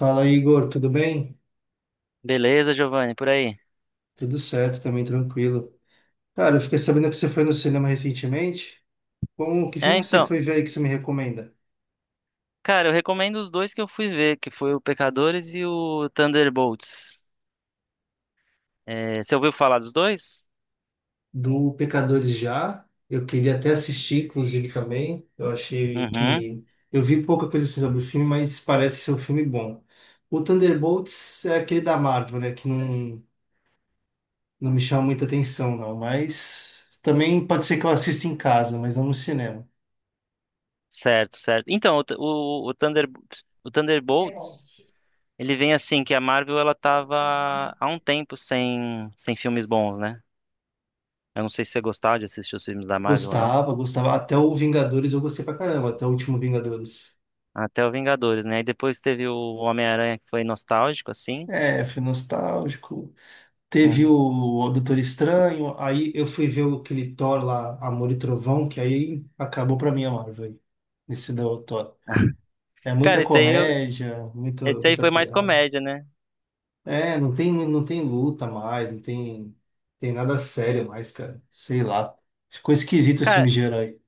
Fala, Igor, tudo bem? Beleza, Giovanni, por aí. Tudo certo, também tranquilo. Cara, eu fiquei sabendo que você foi no cinema recentemente. Como, que É, filme que você então, foi ver aí que você me recomenda? cara, eu recomendo os dois que eu fui ver, que foi o Pecadores e o Thunderbolts. É, você ouviu falar dos dois? Do Pecadores já. Eu queria até assistir, inclusive, também. Eu achei Uhum, que. Eu vi pouca coisa assim sobre o filme, mas parece ser um filme bom. O Thunderbolts é aquele da Marvel, né? Que não, não me chama muita atenção, não. Mas também pode ser que eu assista em casa, mas não no cinema. certo, certo. Então, o, Th- o Thunder, o Thunderbolts, ele vem assim, que a Marvel, ela tava há um tempo sem filmes bons, né? Eu não sei se você gostava de assistir os filmes da Marvel ou não. Gostava, gostava. Até o Vingadores eu gostei pra caramba, até o último Vingadores. Até o Vingadores, né? E depois teve o Homem-Aranha, que foi nostálgico, assim. É, foi nostálgico. Teve Uhum. O Doutor Estranho, aí eu fui ver aquele Thor lá, Amor e Trovão, que aí acabou pra mim a Marvel, aí, nesse do Thor. É muita Cara, comédia, esse aí muita foi mais piada. comédia, né? É, não tem luta mais, não tem, tem nada sério mais, cara. Sei lá. Ficou esquisito esse Cara, filme de herói.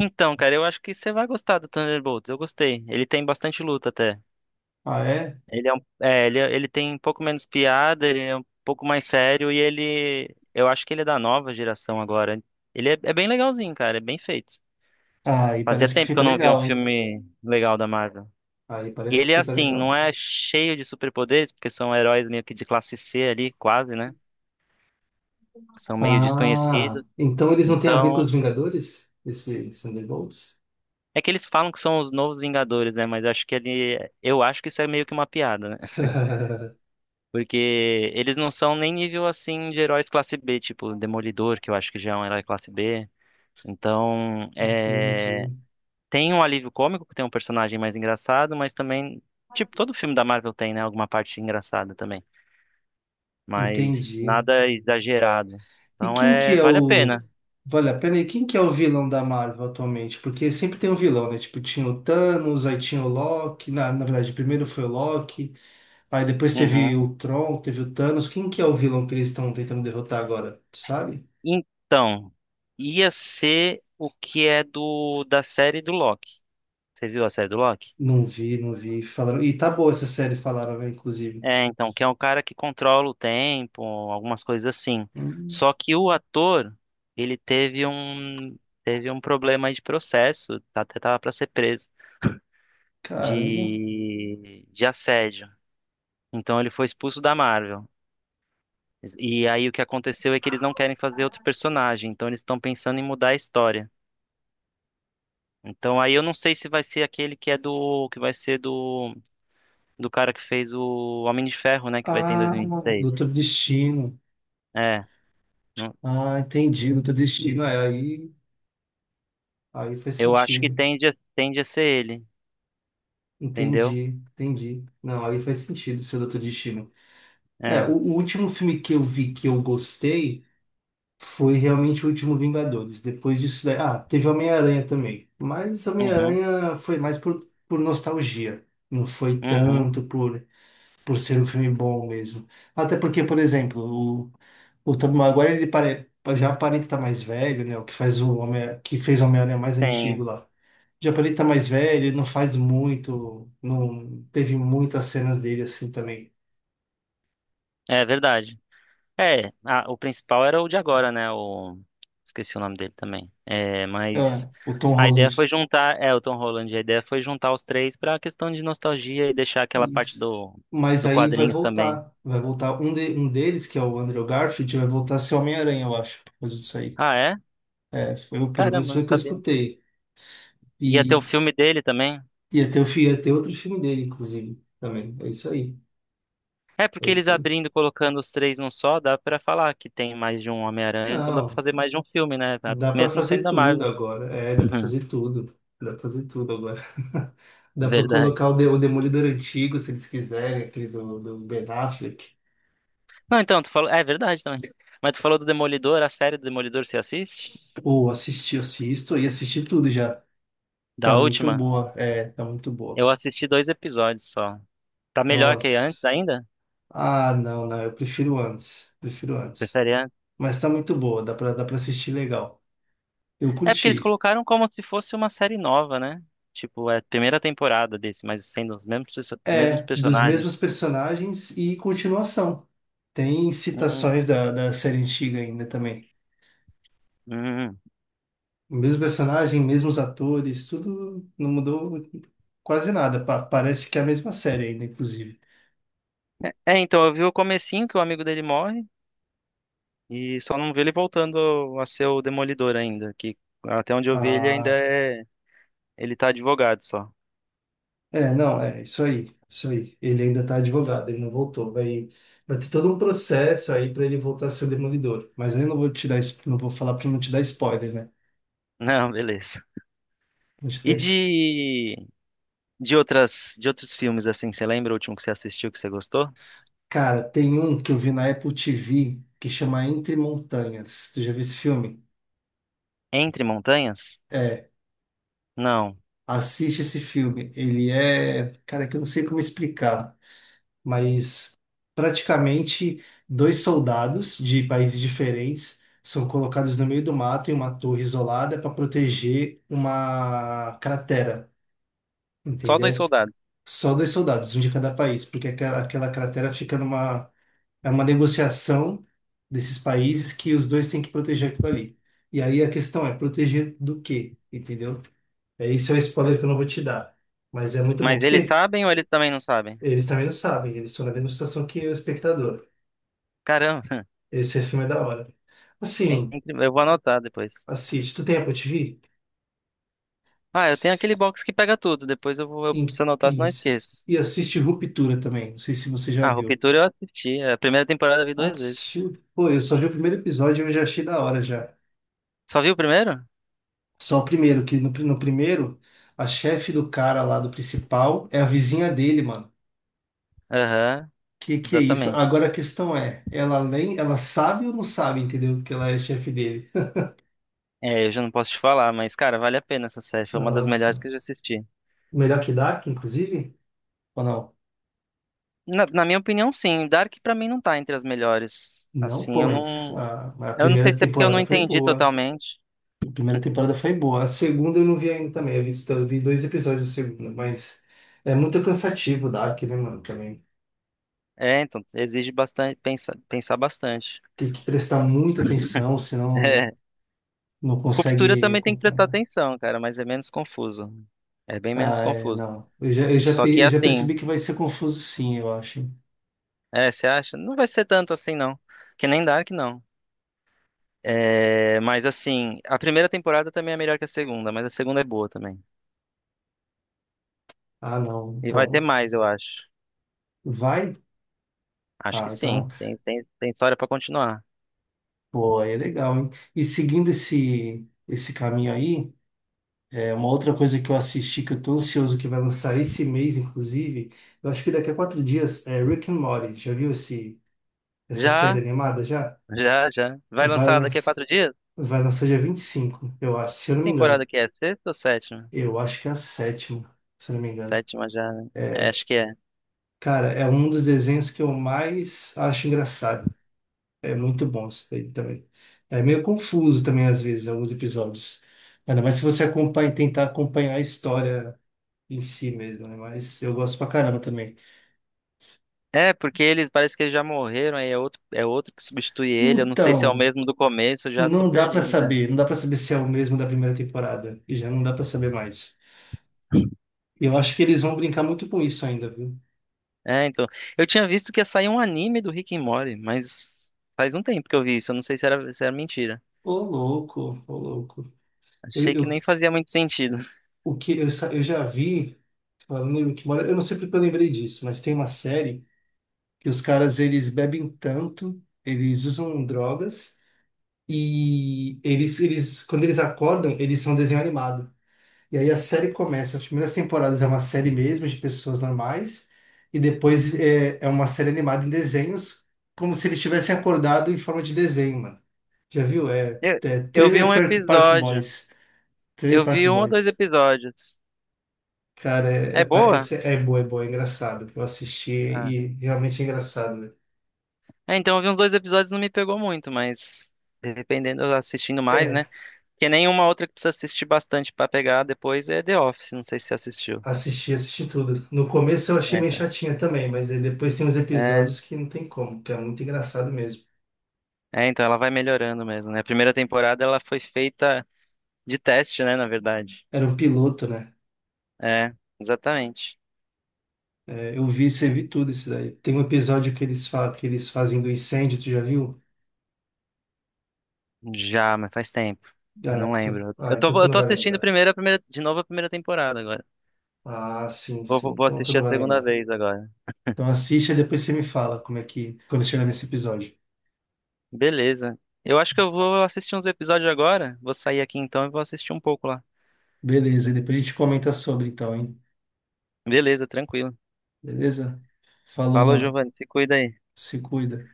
então, cara, eu acho que você vai gostar do Thunderbolts. Eu gostei. Ele tem bastante luta até. Ah, é? Ele tem um pouco menos piada, ele é um pouco mais sério e ele, eu acho que ele é da nova geração agora. Ele é bem legalzinho, cara, é bem feito. Ah, aí Fazia parece que tempo que fica eu não via um legal, hein? filme legal da Marvel. Aí E parece que ele é fica assim, não legal. é cheio de superpoderes, porque são heróis meio que de classe C ali, quase, né? Que são meio Ah, desconhecidos. então eles não têm a ver com os Então, Vingadores? Esses Thunderbolts? é que eles falam que são os novos Vingadores, né? Mas eu acho que isso é meio que uma piada, né? Porque eles não são nem nível assim de heróis classe B, tipo Demolidor, que eu acho que já é um herói classe B. Então, Entendi, tem um alívio cômico, que tem um personagem mais engraçado, mas também, tipo, todo filme da Marvel tem, né, alguma parte engraçada também, mas entendi. nada exagerado. E Então, quem que é vale a o. pena. Vale a pena, e quem que é o vilão da Marvel atualmente? Porque sempre tem um vilão, né? Tipo, tinha o Thanos, aí tinha o Loki. Na verdade, primeiro foi o Loki, aí depois Uhum. teve o Tron, teve o Thanos. Quem que é o vilão que eles estão tentando derrotar agora? Tu sabe? Então, ia ser o que é do da série do Loki. Você viu a série do Loki? Não vi, não vi. Falaram. E tá boa essa série, falaram, né? Inclusive. É, então, que é um cara que controla o tempo, algumas coisas assim. Hum, Só que o ator, ele teve um problema aí de processo, até tava para ser preso caramba. de assédio. Então ele foi expulso da Marvel. E aí o que aconteceu é que eles não querem fazer outro personagem, então eles estão pensando em mudar a história. Então aí eu não sei se vai ser aquele que vai ser do cara que fez o Homem de Ferro, né, que vai ter em Ah, 2026. Doutor Destino. É. Ah, entendi, Doutor Destino. É, aí, aí faz Eu acho que sentido. tende a ser ele, entendeu? Entendi, entendi. Não, aí faz sentido seu Doutor Destino. É, É. o último filme que eu vi que eu gostei foi realmente o último Vingadores. Depois disso daí. Ah, teve Homem-Aranha também. Mas Uhum, Homem-Aranha foi mais por nostalgia. Não foi uhum, tanto por ser um filme bom mesmo. Até porque, por exemplo, o Tobey Maguire ele já aparenta estar mais velho, né? O que faz o Homem, que fez o Homem-Aranha mais antigo sim. lá. Já aparenta estar mais velho, ele não faz muito, não teve muitas cenas dele assim também. É verdade. É, o principal era o de agora, né? Esqueci o nome dele também. É, mas Ah, o Tom a ideia Holland. foi juntar, o Tom Holland, a ideia foi juntar os três pra questão de nostalgia e deixar aquela parte Isso. do, Mas do aí vai quadrinho também. voltar. Vai voltar um deles, que é o Andrew Garfield, vai voltar a ser Homem-Aranha, eu acho, por causa disso aí. Ah, é? É, foi, pelo menos Caramba, não foi o que eu sabia. escutei. Ia ter o E, filme dele também? e até ia ter outro filme dele, inclusive, também. É isso aí. É, É porque eles isso aí. abrindo e colocando os três num só, dá pra falar que tem mais de um Homem-Aranha, então dá pra Não. fazer mais de um filme, né? Dá para Mesmo sendo fazer da tudo Marvel. agora. É, dá para Uhum, fazer tudo. Dá para fazer tudo agora. Dá para verdade. colocar o Demolidor antigo, se eles quiserem, aquele do Ben Affleck. Não, então, tu falou. É verdade também. Mas tu falou do Demolidor, a série do Demolidor você assiste? Ou assistir, assisto e assisti tudo já. Tá Da muito última? boa. É, tá muito boa. Eu assisti dois episódios só. Tá melhor que antes Nossa. ainda? Ah, não, não. Eu prefiro antes. Prefiro antes. Prefere antes? Mas tá muito boa. Dá para assistir legal. Eu É porque eles curti. colocaram como se fosse uma série nova, né? Tipo, é a primeira temporada desse, mas sendo mesmos É, dos personagens. mesmos personagens e continuação. Tem Hum, citações da série antiga ainda também. hum. O mesmo personagem, mesmos atores, tudo não mudou quase nada. Parece que é a mesma série ainda, inclusive. É, então, eu vi o comecinho que o amigo dele morre e só não vi ele voltando a ser o Demolidor ainda, que até onde eu vi ele ainda Ah, é. Ele tá advogado só. é, não, é isso aí, isso aí. Ele ainda tá advogado, ele não voltou. Vai, vai ter todo um processo aí para ele voltar a ser o demolidor. Mas eu não vou te dar, não vou falar para não te dar spoiler, né? Não, beleza. Vou te E dar- de outros filmes, assim, você lembra o último que você assistiu que você gostou? Cara, tem um que eu vi na Apple TV que chama Entre Montanhas. Tu já viu esse filme? Entre Montanhas? É, Não. assiste esse filme. Ele é, cara, que eu não sei como explicar. Mas praticamente dois soldados de países diferentes são colocados no meio do mato em uma torre isolada para proteger uma cratera, Só dois entendeu? soldados. Só dois soldados, um de cada país, porque aquela cratera fica numa é uma negociação desses países que os dois têm que proteger aquilo ali. E aí a questão é proteger do quê, entendeu? É, esse é o spoiler que eu não vou te dar, mas é muito bom. Mas Tu eles tem, sabem ou eles também não sabem? eles também não sabem, eles estão na mesma situação que o espectador. Caramba, Esse filme é da hora. Assim, eu vou anotar depois. assiste. Tu tem Apple TV? Ah, eu tenho aquele S- box que pega tudo. Depois eu preciso anotar, senão eu Isso. esqueço. E assiste Ruptura também. Não sei se você já Ah, viu. Ruptura eu assisti. A primeira temporada eu vi Ah, tu duas vezes. assistiu? Pô, eu só vi o primeiro episódio e eu já achei da hora já. Só viu o primeiro? Só o primeiro, que no primeiro, a chefe do cara lá do principal é a vizinha dele, mano. Aham, Que é isso? exatamente. Agora a questão é, ela nem, ela sabe ou não sabe, entendeu? Que ela é chefe dele. É, eu já não posso te falar, mas, cara, vale a pena essa série. Foi uma das Nossa. melhores que eu já assisti. Melhor que Dark, inclusive? Ou não? Na minha opinião, sim. Dark pra mim não tá entre as melhores. Não, pô, Assim, eu mas não, a eu não sei primeira se é porque eu não temporada foi entendi boa. totalmente. A primeira temporada foi boa. A segunda eu não vi ainda também. Eu vi dois episódios da segunda, mas é muito cansativo o Dark, né, mano? Também É, então exige bastante pensar, pensar bastante. tem que prestar muita atenção, senão É. não Ruptura consegue também tem que prestar acompanhar. atenção, cara, mas é menos confuso. É bem menos Ah, é, confuso. não. Só que Eu já assim, percebi que vai ser confuso, sim, eu acho. Hein? Você acha? Não vai ser tanto assim, não. Que nem Dark, não. É, mas assim, a primeira temporada também é melhor que a segunda, mas a segunda é boa também. Ah, não. E vai ter Então, mais, eu acho. vai? Acho que Ah, então, sim. Tem história pra continuar. pô, aí é legal, hein? E seguindo esse caminho aí. É uma outra coisa que eu assisti, que eu tô ansioso, que vai lançar esse mês, inclusive, eu acho que daqui a quatro dias, é Rick and Morty. Já viu esse, essa série Já. animada já? Já, já. Vai Vai lançar daqui a lançar, 4 dias? vai lançar dia 25, eu acho, se eu Que não me temporada engano. que é? Sexta ou sétima? Eu acho que é a sétima, se eu não me engano. Sétima já, né? É, acho que é. Cara, é um dos desenhos que eu mais acho engraçado. É muito bom isso daí também. É meio confuso também, às vezes, alguns episódios. Ainda mais se você acompanha, tentar acompanhar a história em si mesmo, né? Mas eu gosto pra caramba também. É, porque eles parece que eles já morreram, aí é outro que substitui ele. Eu não sei se é o Então, mesmo do começo, eu já tô não dá pra perdido, cara. saber, não dá pra saber se é o mesmo da primeira temporada, e já não dá pra saber mais. Eu acho que eles vão brincar muito com isso ainda, viu? É, então. Eu tinha visto que ia sair um anime do Rick and Morty, mas faz um tempo que eu vi isso. Eu não sei se era, mentira. Ô louco, ô louco. Achei que nem Eu- fazia muito sentido. o que eu, sa- eu já vi, falando em Rick and Morty, eu não sei porque eu lembrei disso, mas tem uma série que os caras eles bebem tanto, eles usam drogas e eles quando eles acordam, eles são desenho animado. E aí a série começa, as primeiras temporadas é uma série mesmo de pessoas normais, e depois é uma série animada em desenhos, como se eles tivessem acordado em forma de desenho, mano. Já viu? É, Eu, é eu vi Trailer um Park, Park episódio. Boys. Trailer Eu Park vi um ou dois Boys. episódios. Cara, É boa? esse é bom, é bom, é engraçado. Eu assisti Ah. e realmente é engraçado, né? É, então eu vi uns dois episódios, não me pegou muito, mas dependendo, eu assistindo mais, né? É, Porque nenhuma outra que precisa assistir bastante pra pegar depois é The Office, não sei se você assistiu. assisti, assisti tudo. No começo eu achei É, meio então. chatinha também, mas aí depois tem uns É, episódios que não tem como, que é muito engraçado mesmo. Então ela vai melhorando mesmo, né? A primeira temporada ela foi feita de teste, né, na verdade. Era um piloto, né? É, exatamente. É, eu vi, você vi tudo isso daí. Tem um episódio que eles, fa que eles fazem do incêndio, tu já viu? Já, mas faz tempo. Eu não lembro. Eu Ah, então tô, tu eu não tô vai assistindo lembrar. primeiro a primeira, de novo a primeira temporada agora. Ah, sim, Vou, sim. vou vou Então tu assistir não a vai segunda lembrar. vez agora. Então assiste e depois você me fala como é que, quando chegar nesse episódio. Beleza. Eu acho que eu vou assistir uns episódios agora. Vou sair aqui então e vou assistir um pouco lá. Beleza, e depois a gente comenta sobre então, hein? Beleza, tranquilo. Beleza? Falou, Falou, mano. Giovanni. Se cuida aí. Se cuida.